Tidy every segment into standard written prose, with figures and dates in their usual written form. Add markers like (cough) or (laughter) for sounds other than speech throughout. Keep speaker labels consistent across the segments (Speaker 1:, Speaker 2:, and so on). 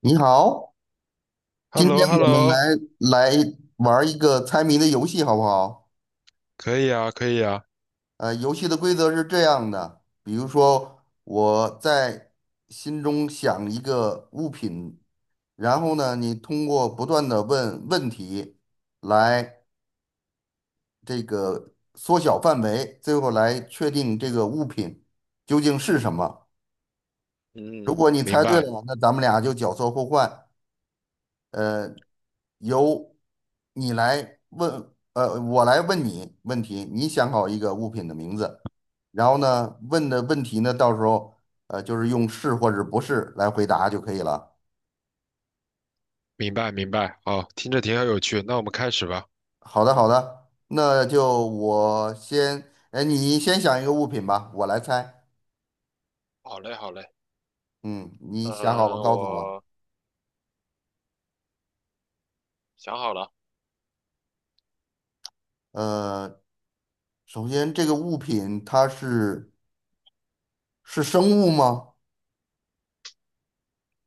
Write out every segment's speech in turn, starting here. Speaker 1: 你好，
Speaker 2: h e l
Speaker 1: 今
Speaker 2: l o
Speaker 1: 天
Speaker 2: h e l
Speaker 1: 我
Speaker 2: l o
Speaker 1: 们来玩儿一个猜谜的游戏，好不好？
Speaker 2: 可以啊，可以啊，
Speaker 1: 游戏的规则是这样的，比如说我在心中想一个物品，然后呢，你通过不断的问问题来这个缩小范围，最后来确定这个物品究竟是什么。如
Speaker 2: 嗯，
Speaker 1: 果你
Speaker 2: 明
Speaker 1: 猜对
Speaker 2: 白，
Speaker 1: 了，那咱们俩就角色互换。呃，由你来问，我来问你问题，你想好一个物品的名字，然后呢，问的问题呢，到时候就是用是或者不是来回答就可以了。
Speaker 2: 明白，明白。哦，听着挺有趣，那我们开始吧。
Speaker 1: 好的，好的，那就我先，哎，你先想一个物品吧，我来猜。
Speaker 2: 好嘞，好嘞，
Speaker 1: 嗯，你想好了告诉我。
Speaker 2: 我想好了。
Speaker 1: 呃，首先这个物品它是生物吗？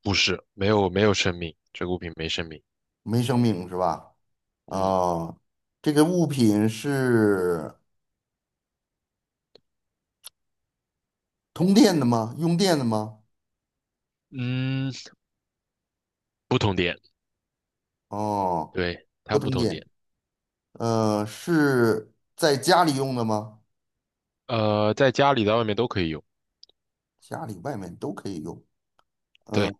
Speaker 2: 不是，没有，没有生命，这个物品没生命。
Speaker 1: 没生命是吧？
Speaker 2: 嗯，
Speaker 1: 啊、这个物品是。通电的吗？用电的吗？
Speaker 2: 嗯，不同点，
Speaker 1: 哦，
Speaker 2: 对，它
Speaker 1: 不
Speaker 2: 不
Speaker 1: 通
Speaker 2: 同
Speaker 1: 电。
Speaker 2: 点。
Speaker 1: 是在家里用的吗？
Speaker 2: 在家里，在外面都可以用。
Speaker 1: 家里、外面都可以用。嗯、
Speaker 2: 对，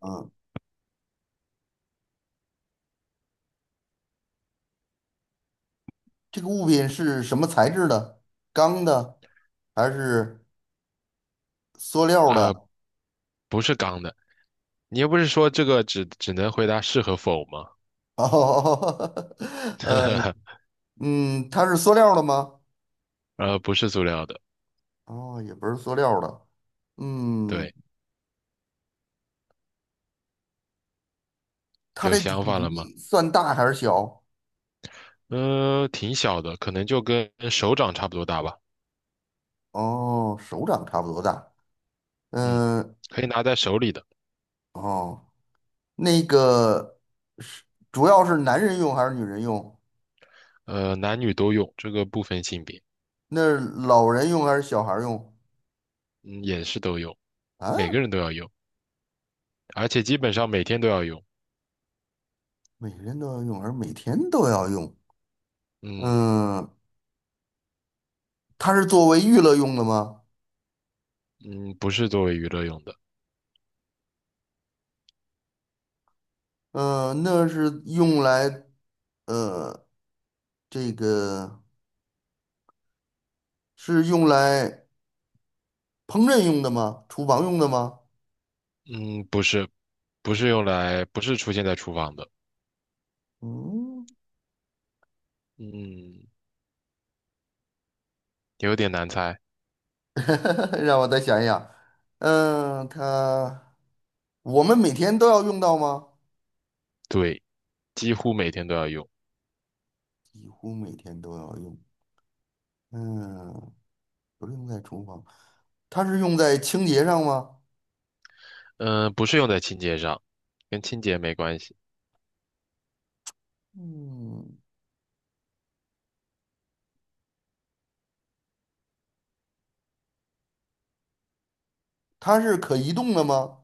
Speaker 1: 这个物品是什么材质的？钢的还是塑料的？
Speaker 2: 呃，
Speaker 1: (laughs)
Speaker 2: 不是钢的。你又不是说这个只能回答是和否吗？
Speaker 1: 哦，呃，
Speaker 2: (laughs)
Speaker 1: 它是塑料的吗？
Speaker 2: 不是塑料的。
Speaker 1: 哦，也不是塑料的。嗯，
Speaker 2: 对，
Speaker 1: 它
Speaker 2: 有
Speaker 1: 的体
Speaker 2: 想法了吗？
Speaker 1: 积算大还是小？
Speaker 2: 挺小的，可能就跟手掌差不多大吧。
Speaker 1: 哦，手掌差不多大。
Speaker 2: 嗯，
Speaker 1: 嗯，
Speaker 2: 可以拿在手里的。
Speaker 1: 哦。那个是主要是男人用还是女人用？
Speaker 2: 男女都用，这个不分性别。
Speaker 1: 那是老人用还是小孩儿用？
Speaker 2: 嗯，也是都用，每
Speaker 1: 啊，
Speaker 2: 个人都要用，而且基本上每天都要用。
Speaker 1: 每人都要用，而每天都要用。
Speaker 2: 嗯
Speaker 1: 嗯，它是作为娱乐用的吗？
Speaker 2: 嗯，不是作为娱乐用的。
Speaker 1: 嗯，那是用来，呃，这个是用来烹饪用的吗？厨房用的吗？
Speaker 2: 嗯，不是，不是用来，不是出现在厨房的。
Speaker 1: 嗯，
Speaker 2: 嗯，有点难猜。
Speaker 1: (laughs) 让我再想一想。嗯，它我们每天都要用到吗？
Speaker 2: 对，几乎每天都要用。
Speaker 1: 几乎每天都要用。嗯，不是用在厨房，它是用在清洁上吗？
Speaker 2: 嗯、不是用在清洁上，跟清洁没关系。
Speaker 1: 嗯，它是可移动的吗？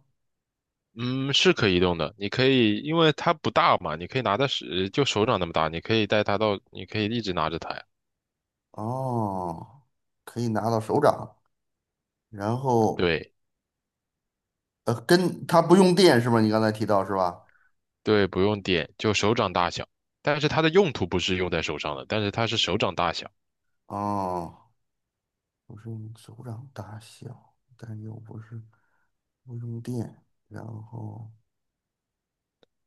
Speaker 2: 嗯，是可以移动的。你可以，因为它不大嘛，你可以拿在手，就手掌那么大，你可以带它到，你可以一直拿着它呀。
Speaker 1: 哦，可以拿到手掌，然后
Speaker 2: 对
Speaker 1: 跟它不用电是吗？你刚才提到是吧？
Speaker 2: 对，不用点，就手掌大小。但是它的用途不是用在手上的，但是它是手掌大小。
Speaker 1: 哦，不是用手掌大小，但又不是不用电，然后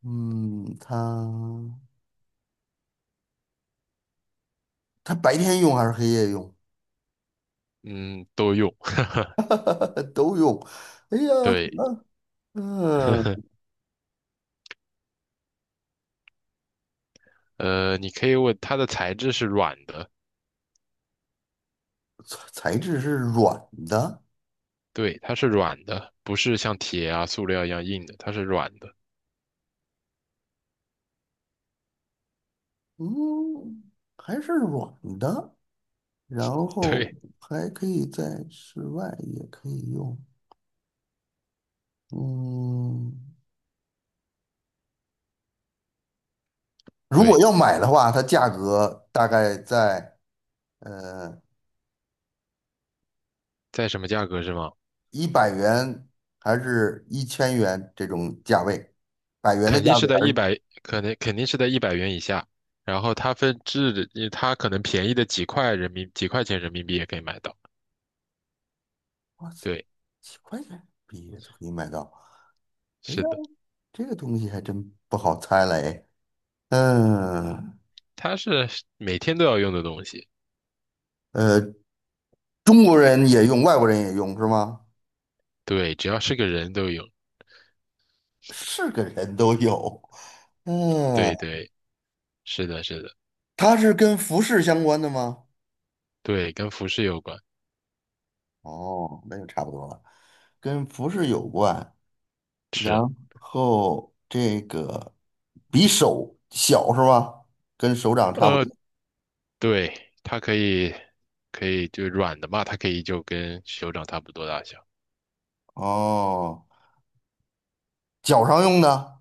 Speaker 1: 嗯，它它白天用还是黑夜用？
Speaker 2: 嗯，都用。(laughs)
Speaker 1: 都用。哎呀，
Speaker 2: 对，(laughs) 呵呵，
Speaker 1: 嗯、
Speaker 2: 你可以问它的材质是软的。
Speaker 1: 材质是软的。
Speaker 2: 对，它是软的，不是像铁啊、塑料一样硬的，它是软的。
Speaker 1: 嗯，还是软的，然
Speaker 2: (laughs)
Speaker 1: 后
Speaker 2: 对
Speaker 1: 还可以在室外也可以用。嗯，如果
Speaker 2: 对，
Speaker 1: 要买的话，它价格大概在呃
Speaker 2: 在什么价格是吗？
Speaker 1: 100元还是1000元这种价位，百元的
Speaker 2: 肯定
Speaker 1: 价
Speaker 2: 是
Speaker 1: 位
Speaker 2: 在
Speaker 1: 而
Speaker 2: 一
Speaker 1: 已。
Speaker 2: 百，可能肯定是在100元以下。然后它分质的，它可能便宜的几块钱人民币也可以买到。
Speaker 1: 哇塞，
Speaker 2: 对，
Speaker 1: 几块钱毕业都可以买到。哎呀，
Speaker 2: 是的，
Speaker 1: 这个东西还真不好猜嘞。嗯，
Speaker 2: 它是每天都要用的东西。
Speaker 1: 呃，中国人也用，外国人也用是吗？
Speaker 2: 对，只要是个人都用。
Speaker 1: 是个人都有。嗯，
Speaker 2: 对对，是的，是的。
Speaker 1: 它是跟服饰相关的吗？
Speaker 2: 对，跟服饰有关。
Speaker 1: 哦，那就差不多了，跟服饰有关。然
Speaker 2: 是，
Speaker 1: 后这个比手小是吧？跟手掌差不
Speaker 2: 呃，
Speaker 1: 多。
Speaker 2: 对，它可以，可以就软的嘛，它可以就跟手掌差不多大小。
Speaker 1: 哦，脚上用的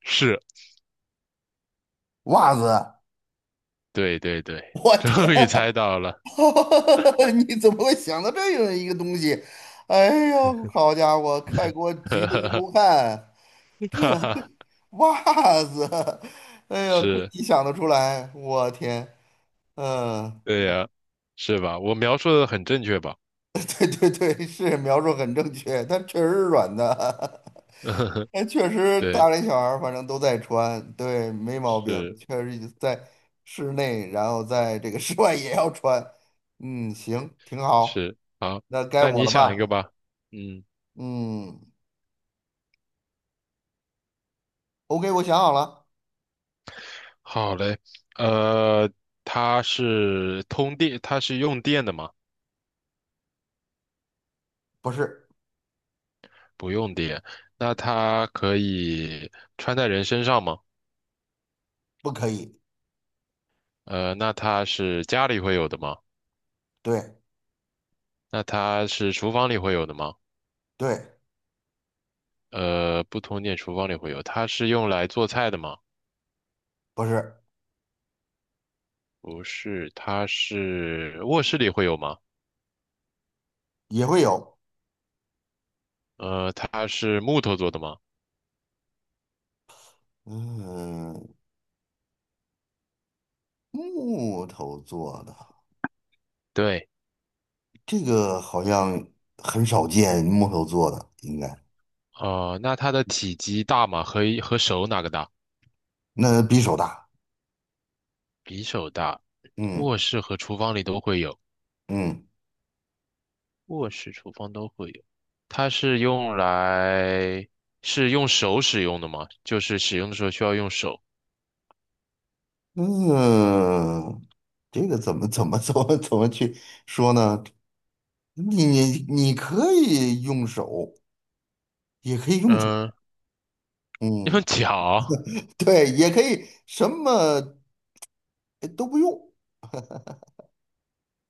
Speaker 2: 是，
Speaker 1: 袜子。
Speaker 2: 对对对，
Speaker 1: 我
Speaker 2: (laughs)
Speaker 1: 天
Speaker 2: 终于猜到了。
Speaker 1: (laughs) 你怎么会想到这样一个东西？哎呦，好家伙，快给我
Speaker 2: (laughs)
Speaker 1: 急
Speaker 2: 哈
Speaker 1: 得一
Speaker 2: 哈
Speaker 1: 头汗！
Speaker 2: 哈哈，
Speaker 1: 袜子，(laughs) 哎呀，亏
Speaker 2: 是。
Speaker 1: 你想得出来，我天，嗯。
Speaker 2: 对呀，是吧？我描述的很正确吧？
Speaker 1: (laughs) 对对对，是描述很正确，它确实是软的，(laughs)
Speaker 2: (laughs)
Speaker 1: 那确实
Speaker 2: 对，
Speaker 1: 大人小孩儿反正都在穿，对，没毛病，
Speaker 2: 是
Speaker 1: 确实在室内，然后在这个 (laughs) 室外也要穿，嗯，行，挺好，
Speaker 2: 是，好。
Speaker 1: 那该
Speaker 2: 那
Speaker 1: 我
Speaker 2: 你
Speaker 1: 了
Speaker 2: 想一个
Speaker 1: 吧？
Speaker 2: 吧。嗯，
Speaker 1: 嗯，OK，我想好了，
Speaker 2: 好嘞。呃，它是通电，它是用电的吗？
Speaker 1: 不是，
Speaker 2: 不用电。那它可以穿在人身上吗？
Speaker 1: 不可以，
Speaker 2: 那它是家里会有的吗？
Speaker 1: 对
Speaker 2: 那它是厨房里会有的吗？
Speaker 1: 对，
Speaker 2: 不通电，厨房里会有。它是用来做菜的吗？
Speaker 1: 不是，
Speaker 2: 不是，它是卧室里会有吗？
Speaker 1: 也会有，
Speaker 2: 它是木头做的吗？
Speaker 1: 嗯，木头做的，
Speaker 2: 对，
Speaker 1: 这个好像很少见，木头做的应该，
Speaker 2: 哦、那它的体积大吗？和手哪个大？
Speaker 1: 那比手大。
Speaker 2: 比手大，
Speaker 1: 嗯
Speaker 2: 卧室和厨房里都会有，
Speaker 1: 嗯
Speaker 2: 卧室、厨房都会有。它是用来是用手使用的吗？就是使用的时候需要用手。
Speaker 1: 嗯，这个怎么去说呢？你可以用手，也可以用脚，
Speaker 2: 嗯、用
Speaker 1: 嗯，
Speaker 2: 脚
Speaker 1: 对，也可以什么都不用，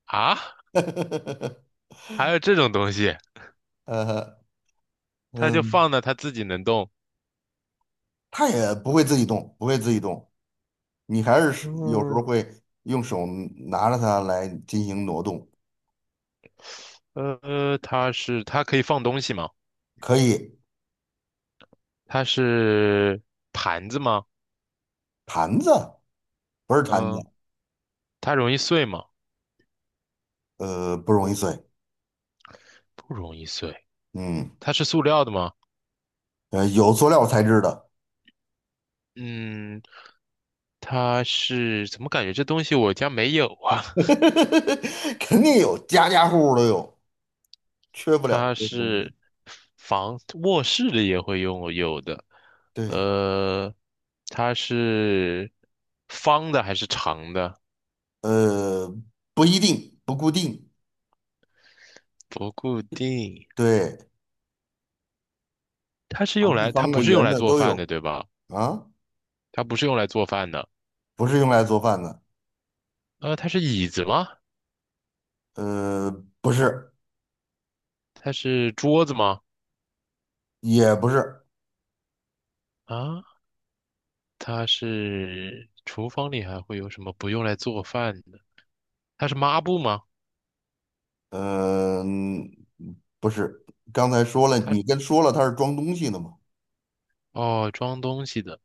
Speaker 2: 啊？
Speaker 1: (laughs)
Speaker 2: 还有这种东西？
Speaker 1: 呃
Speaker 2: 它就
Speaker 1: 嗯，
Speaker 2: 放那，它自己能动。
Speaker 1: 他也不会自己动，不会自己动，你还是有时候
Speaker 2: 嗯，
Speaker 1: 会用手拿着它来进行挪动，
Speaker 2: 它可以放东西吗？
Speaker 1: 可以
Speaker 2: 它是盘子吗？
Speaker 1: 盘子不是盘子，
Speaker 2: 嗯，它容易碎吗？
Speaker 1: 不容易碎，
Speaker 2: 不容易碎。
Speaker 1: 嗯，
Speaker 2: 它是塑料的吗？
Speaker 1: 有塑料材质的。
Speaker 2: 嗯，怎么感觉这东西我家没有啊？
Speaker 1: (laughs) 肯定有，家家户户都有，缺
Speaker 2: (laughs)
Speaker 1: 不了
Speaker 2: 它
Speaker 1: 这个东西。
Speaker 2: 是房，卧室里也会用有的。
Speaker 1: 对，
Speaker 2: 呃，它是方的还是长的？
Speaker 1: 呃，不一定，不固定，
Speaker 2: 不固定。
Speaker 1: 对，长的、
Speaker 2: 它
Speaker 1: 方的、
Speaker 2: 不是用
Speaker 1: 圆
Speaker 2: 来
Speaker 1: 的
Speaker 2: 做
Speaker 1: 都
Speaker 2: 饭的，
Speaker 1: 有
Speaker 2: 对吧？
Speaker 1: 啊，
Speaker 2: 它不是用来做饭的。
Speaker 1: 不是用来做饭的，
Speaker 2: 它是椅子吗？
Speaker 1: 呃，不是，
Speaker 2: 它是桌子吗？
Speaker 1: 也不是，
Speaker 2: 啊，它是厨房里还会有什么不用来做饭？它是抹布吗？
Speaker 1: 嗯、不是。刚才说了，
Speaker 2: 它
Speaker 1: 你跟说了它是装东西的嘛？
Speaker 2: 哦，装东西的。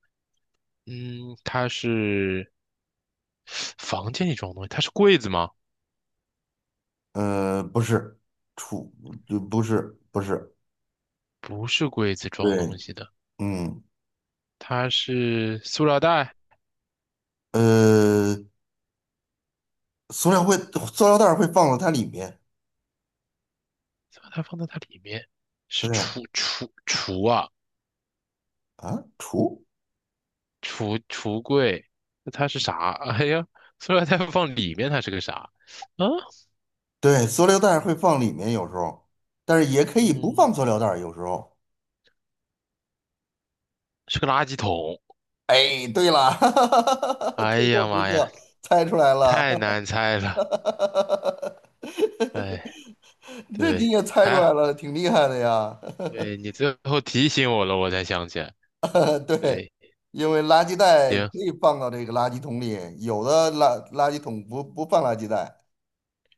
Speaker 2: 嗯，它是房间里装东西，它是柜子吗？
Speaker 1: 不是，储，就不是，不是，
Speaker 2: 不是柜子装东
Speaker 1: 对，
Speaker 2: 西的，
Speaker 1: 嗯，
Speaker 2: 它是塑料袋，
Speaker 1: 呃，塑料会，塑料袋儿会放到它里面，
Speaker 2: 塑料袋放在它里面，是橱
Speaker 1: 对。
Speaker 2: 橱橱啊，
Speaker 1: 啊，除
Speaker 2: 橱柜。那它是啥？(laughs) 哎呀，塑料袋放里面，它是个啥？啊，
Speaker 1: 对，塑料袋儿会放里面有时候，但是也可以不
Speaker 2: 嗯，
Speaker 1: 放塑料袋儿有时候。
Speaker 2: 是个垃圾桶。
Speaker 1: 哎，对了，(laughs)
Speaker 2: 哎
Speaker 1: 最后
Speaker 2: 呀
Speaker 1: 时
Speaker 2: 妈呀，
Speaker 1: 刻猜出来
Speaker 2: 太
Speaker 1: 了，
Speaker 2: 难猜了。
Speaker 1: (laughs)
Speaker 2: 哎，
Speaker 1: 这你
Speaker 2: 对，
Speaker 1: 也猜出
Speaker 2: 还、
Speaker 1: 来
Speaker 2: 好，
Speaker 1: 了，挺厉害的呀。
Speaker 2: 对你最后提醒我了，我才想起来。
Speaker 1: (laughs) 对，
Speaker 2: 对，
Speaker 1: 因为垃圾袋可
Speaker 2: 行，
Speaker 1: 以放到这个垃圾桶里，有的垃圾桶不放垃圾袋，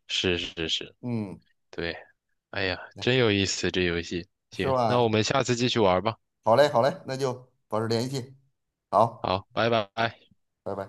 Speaker 2: 是是是，
Speaker 1: 嗯，
Speaker 2: 对，哎呀，真有意思这游戏。
Speaker 1: 是
Speaker 2: 行，那我
Speaker 1: 吧？
Speaker 2: 们下次继续玩吧。
Speaker 1: 好嘞，好嘞，那就保持联系，好，
Speaker 2: 好，拜拜。
Speaker 1: 拜拜。